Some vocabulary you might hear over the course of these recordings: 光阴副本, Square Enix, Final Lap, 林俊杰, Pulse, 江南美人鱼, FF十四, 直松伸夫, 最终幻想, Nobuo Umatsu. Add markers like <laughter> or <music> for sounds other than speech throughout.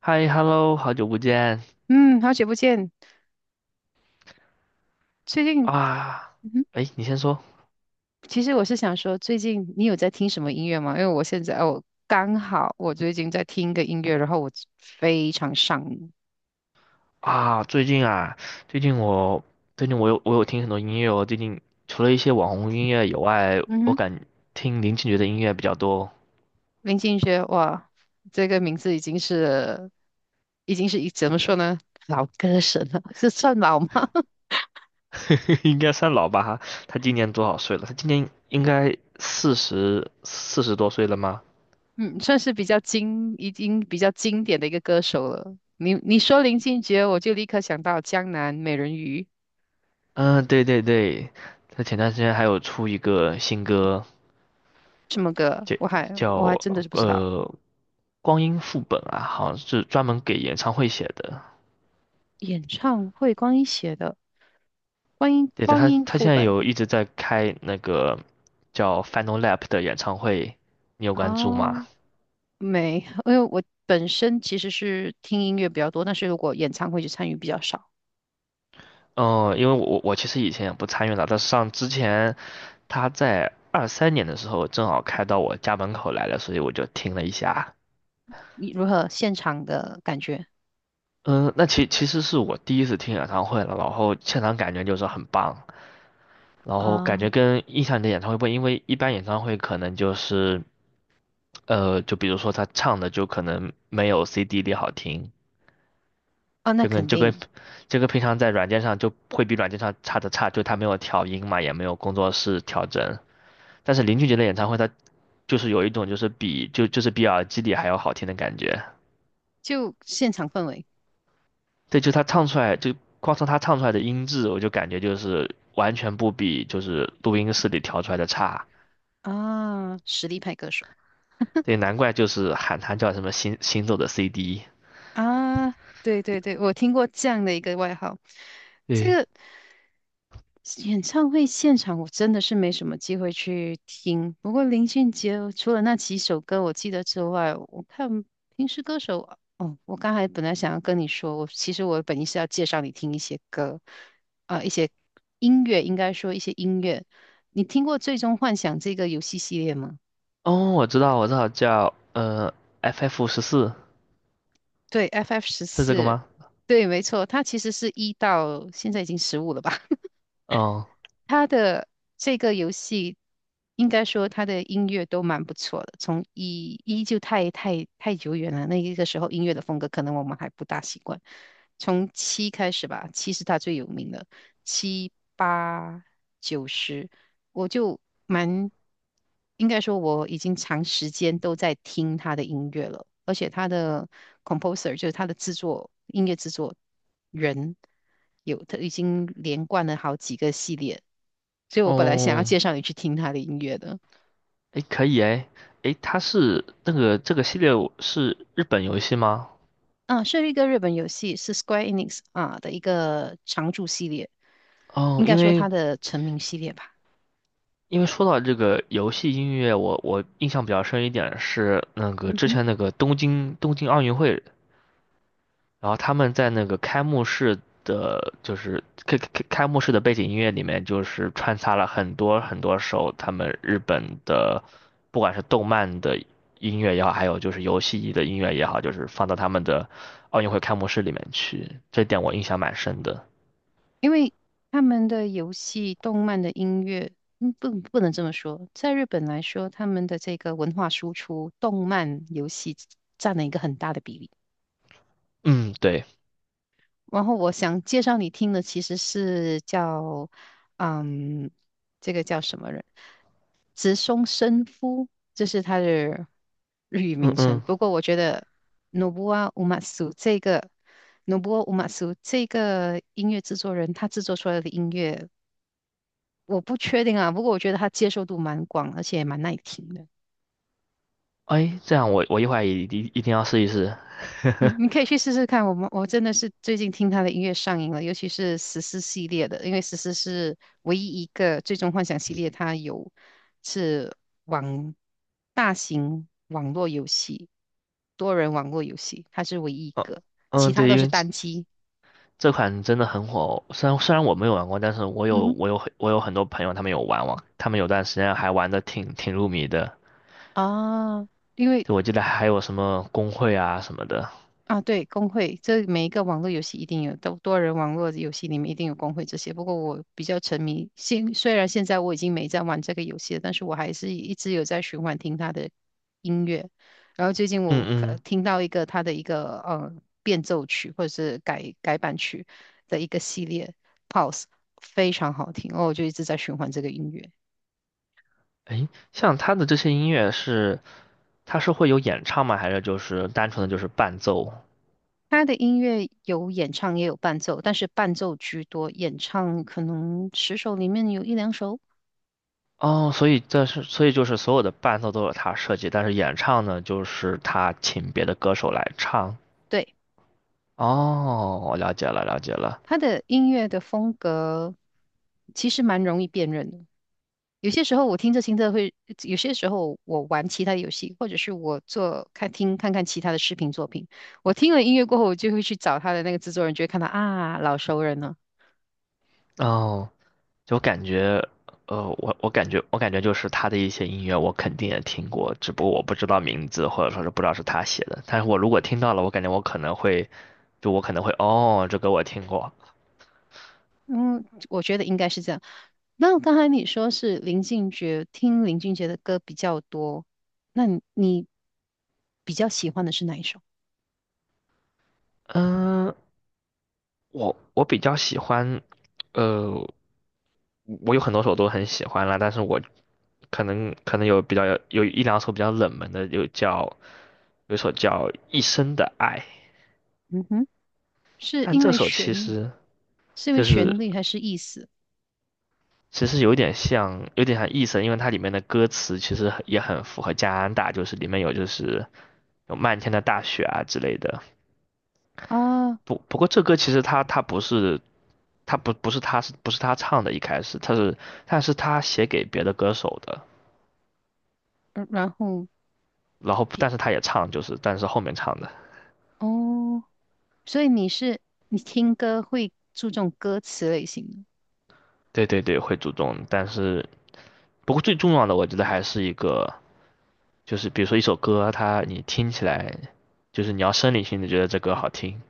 嗨，hello，好久不见嗯，好久不见。最近，啊！嗯哼，哎，你先说其实我是想说，最近你有在听什么音乐吗？因为我现在我刚好我最近在听一个音乐，然后我非常上瘾。啊。最近啊，最近我最近我有听很多音乐哦。最近除了一些网红音乐以外，嗯哼，听林俊杰的音乐比较多。林俊杰，哇，这个名字已经是怎么说呢，老歌神了，是算老吗？<laughs> 应该算老吧哈。他今年多少岁了？他今年应该四十多岁了吗？嗯，算是比较经典的一个歌手了。你说林俊杰，我就立刻想到《江南美人鱼》。嗯，对对对，他前段时间还有出一个新歌，什么歌，叫我还叫我还真的是不知道。呃《光阴副本》啊，好像是专门给演唱会写的。演唱会光一写的。观音对的，光他阴他副现在本有一直在开那个叫 Final Lap 的演唱会，你有关注吗？啊，没，因为我本身其实是听音乐比较多，但是如果演唱会就参与比较少。嗯，因为我其实以前也不参与了，但是之前他在23年的时候正好开到我家门口来了，所以我就听了一下。你如何现场的感觉嗯，那其实是我第一次听演唱会了，然后现场感觉就是很棒，然后感觉啊？跟印象里的演唱会不一样，因为一般演唱会可能就是就比如说他唱的就可能没有 CD 里好听，啊，那就跟肯就跟定。这个平常在软件上就会比软件上差的差，就他没有调音嘛，也没有工作室调整。但是林俊杰的演唱会，他就是有一种就是比耳机里还要好听的感觉。就现场氛围对，就他唱出来，就光从他唱出来的音质，我就感觉就是完全不比就是录音室里调出来的差。啊，实力派歌手。对，难怪就是喊他叫什么行走的 CD。啊，对对对，我听过这样的一个外号。这对，个演唱会现场我真的是没什么机会去听，不过林俊杰除了那几首歌我记得之外，我看平时歌手。哦，我刚才本来想要跟你说，我其实我本意是要介绍你听一些歌啊，一些音乐，应该说一些音乐。你听过《最终幻想》这个游戏系列吗？哦，我知道，叫FF14对，FF 十是这个四，吗？对，没错，它其实是一到现在已经15了吧？哦他的这个游戏，应该说他的音乐都蛮不错的。从一就太太太久远了，那一个时候音乐的风格可能我们还不大习惯。从七开始吧，七是他最有名的。7、8、9、10，我就蛮。应该说我已经长时间都在听他的音乐了，而且他的 composer 就是他的制作，音乐制作人，有他已经连贯了好几个系列，所以我本来想要哦，介绍你去听他的音乐的。诶，可以诶，诶，它是那个这个系列是日本游戏吗？啊，是一个日本游戏，是 Square Enix 啊的一个常驻系列，应嗯，该因说为它的成名系列吧。因为说到这个游戏音乐，我印象比较深一点是那个嗯之哼。前那个东京奥运会然后他们在那个开幕式的，就是开幕式的背景音乐里面，就是穿插了很多很多首他们日本的，不管是动漫的音乐也好，还有就是游戏的音乐也好，就是放到他们的奥运会开幕式里面去，这点我印象蛮深的。因为他们的游戏、动漫的音乐，嗯，不，不能这么说。在日本来说，他们的这个文化输出，动漫、游戏占了一个很大的比例。嗯，对，然后我想介绍你听的其实是叫，嗯，这个叫什么人？直松伸夫，这是他的 <laughs> 日语嗯名称。嗯，不过我觉得 Nobuo u m a s u 这个 Nobuo u m a s u 这个音乐制作人，他制作出来的音乐。我不确定啊，不过我觉得它接受度蛮广，而且也蛮耐听的。哎，这样我一会儿一定要试一试。嗯，<laughs> 你可以去试试看。我真的是最近听他的音乐上瘾了，尤其是十四系列的，因为十四是唯一一个最终幻想系列，它有。是网。大型网络游戏，多人网络游戏，它是唯一一哦，个，其嗯，他对，都因是为单机。这款真的很火哦，虽然我没有玩过，但是我嗯有哼，我有我有很多朋友他们有玩，他们有段时间还玩的挺入迷的。啊，因为。就我记得还有什么公会啊什么的。啊，对，工会，这每一个网络游戏一定有，多人网络游戏里面一定有工会这些。不过我比较沉迷，虽然现在我已经没在玩这个游戏了，但是我还是一直有在循环听他的音乐。然后最近嗯我嗯，听到一个他的一个变奏曲或者是改版曲的一个系列，Pulse 非常好听，哦，我就一直在循环这个音乐。诶，像他的这些音乐是，他是会有演唱吗？还是就是单纯的就是伴奏？他的音乐有演唱也有伴奏，但是伴奏居多，演唱可能10首里面有1、2首。哦，所以就是所有的伴奏都是他设计，但是演唱呢，就是他请别的歌手来唱。对，哦，我了解了，了解了。他的音乐的风格其实蛮容易辨认的。有些时候我听着听着会，有些时候我玩其他游戏，或者是我做看听看看其他的视频作品，我听了音乐过后，我就会去找他的那个制作人，就会看到啊，老熟人了。哦，就感觉，我感觉就是他的一些音乐我肯定也听过，只不过我不知道名字或者说是不知道是他写的。但是我如果听到了，我感觉我可能会，就我可能会哦，这歌我听过。嗯，我觉得应该是这样。那刚才你说是林俊杰，听林俊杰的歌比较多，那你比较喜欢的是哪一首？嗯，我比较喜欢，呃，我有很多首都很喜欢啦，但是我可能有比较有有一两首比较冷门的，有一首叫《一生的爱》，嗯哼，是但因这为首旋律，是因为就是旋律还是意思其实有点像，意思，因为它里面的歌词其实也很符合加拿大，就是里面有就是有漫天的大雪啊之类的。啊？不过这歌其实他不是他不是他是不是他唱的，一开始但是他写给别的歌手的，呃然后然后比但是他也唱但是后面唱的，哦，所以你是你听歌会注重歌词类型的。对对对会主动，但是最重要的我觉得还是一个就是比如说一首歌，它你听起来就是你要生理性的觉得这歌好听，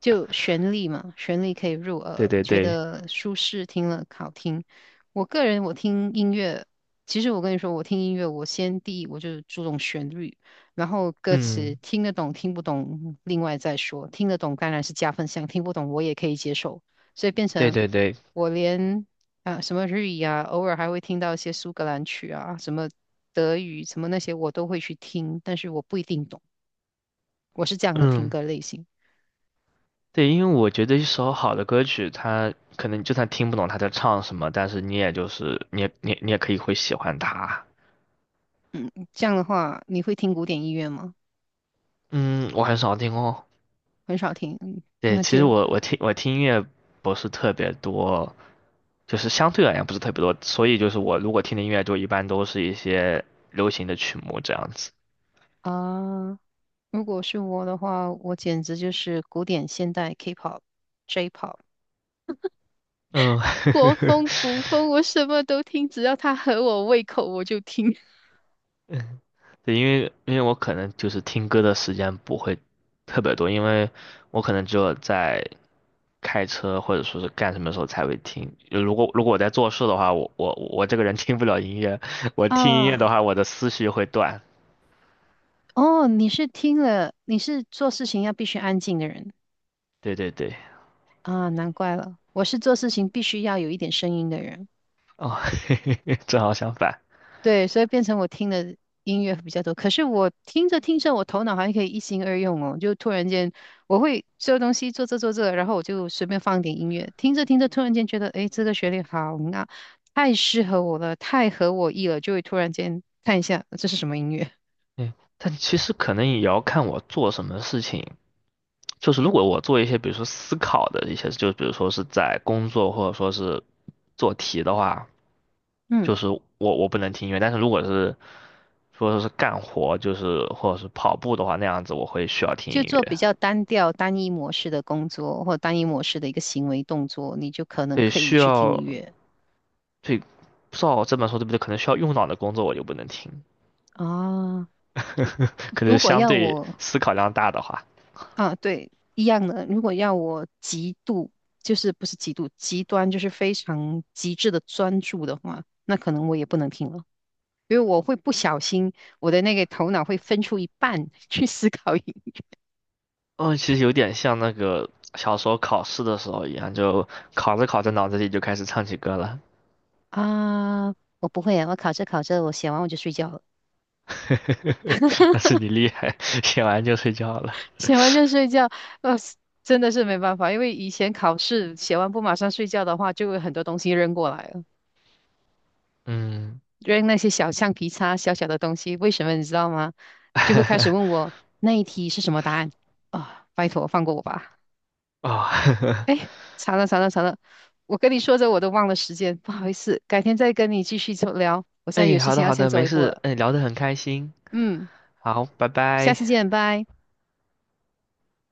就旋律嘛，旋律可以入对耳，对觉对，得舒适，听了好听。我个人我听音乐，其实我跟你说，我听音乐，我先第一我就注重旋律，然后歌词嗯。听得懂听不懂，另外再说。听得懂当然是加分项，听不懂我也可以接受，所以变对成对对，我连啊什么日语啊，偶尔还会听到一些苏格兰曲啊，什么德语什么那些我都会去听，但是我不一定懂，我是这样的听嗯，歌类型。对，因为我觉得一首好的歌曲，它可能就算听不懂他在唱什么，但是你也就是你也你也你也可以会喜欢它。这样的话，你会听古典音乐吗？嗯，我很少听哦。很少听，嗯对，那其实就。我听音乐不是特别多，就是相对而言不是特别多，所以就是我如果听的音乐就一般都是一些流行的曲目这样子。啊，如果是我的话，我简直就是古典、现代、K-pop、J-pop、 嗯，国风、<laughs> 古风，我什么都听，只要它合我胃口，我就听。<laughs> 对，因为我可能就是听歌的时间不会特别多，因为我可能只有在开车或者说是干什么时候才会听。就如果我在做事的话，我这个人听不了音乐，<laughs> 我听音乐的啊。话，我的思绪会断。哦，你是听了，你是做事情要必须安静的人对对对，啊，难怪了，我是做事情必须要有一点声音的人。哦，<laughs> 正好相反。对，所以变成我听的音乐比较多。可是我听着听着，我头脑像可以一心二用哦，就突然间我会这东西做这做这，然后我就随便放点音乐，听着听着，突然间觉得，诶，这个旋律好。那太适合我了，太合我意了，就会突然间看一下这是什么音乐。嗯，但其实可能也要看我做什么事情。就是如果我做一些，比如说思考的一些，就比如说是在工作或者说是做题的话，<laughs> 嗯，就是我不能听音乐。但是如果是说是干活，就是或者是跑步的话，那样子我会需要听音就做比乐。较单调、单一模式的工作或单一模式的一个行为动作，你就可能对，可以需去听要音乐。所以不知道这本书对不对，可能需要用脑的工作我就不能听，啊，可能如果相要对我。思考量大的话，啊，对，一样的。如果要我极度，就是不是极度，极端就是非常极致的专注的话，那可能我也不能听了，因为我会不小心，我的那个头脑会分出一半 <laughs> 去思考一。嗯，其实有点像那个小时候考试的时候一样，就考着考着脑子里就开始唱起歌了，啊，我不会啊，我考着考着，我写完我就睡觉了，<laughs> 那是你厉害，写完就睡觉了，<laughs> 写完就睡觉，呃，真的是没办法，因为以前考试写完不马上睡觉的话，就有很多东西扔过来了。嗯，扔那些小橡皮擦、小小的东西，为什么你知道吗？就会开始问 <laughs> 我那一题是什么答案啊、拜托，放过我吧！哦，哎，惨了惨了惨了！我跟你说着我都忘了时间，不好意思，改天再跟你继续聊。我 <laughs> 现在哎，有事好的情要好先的，走没一步事，了，哎，聊得很开心，嗯，好，拜下拜。次见，拜。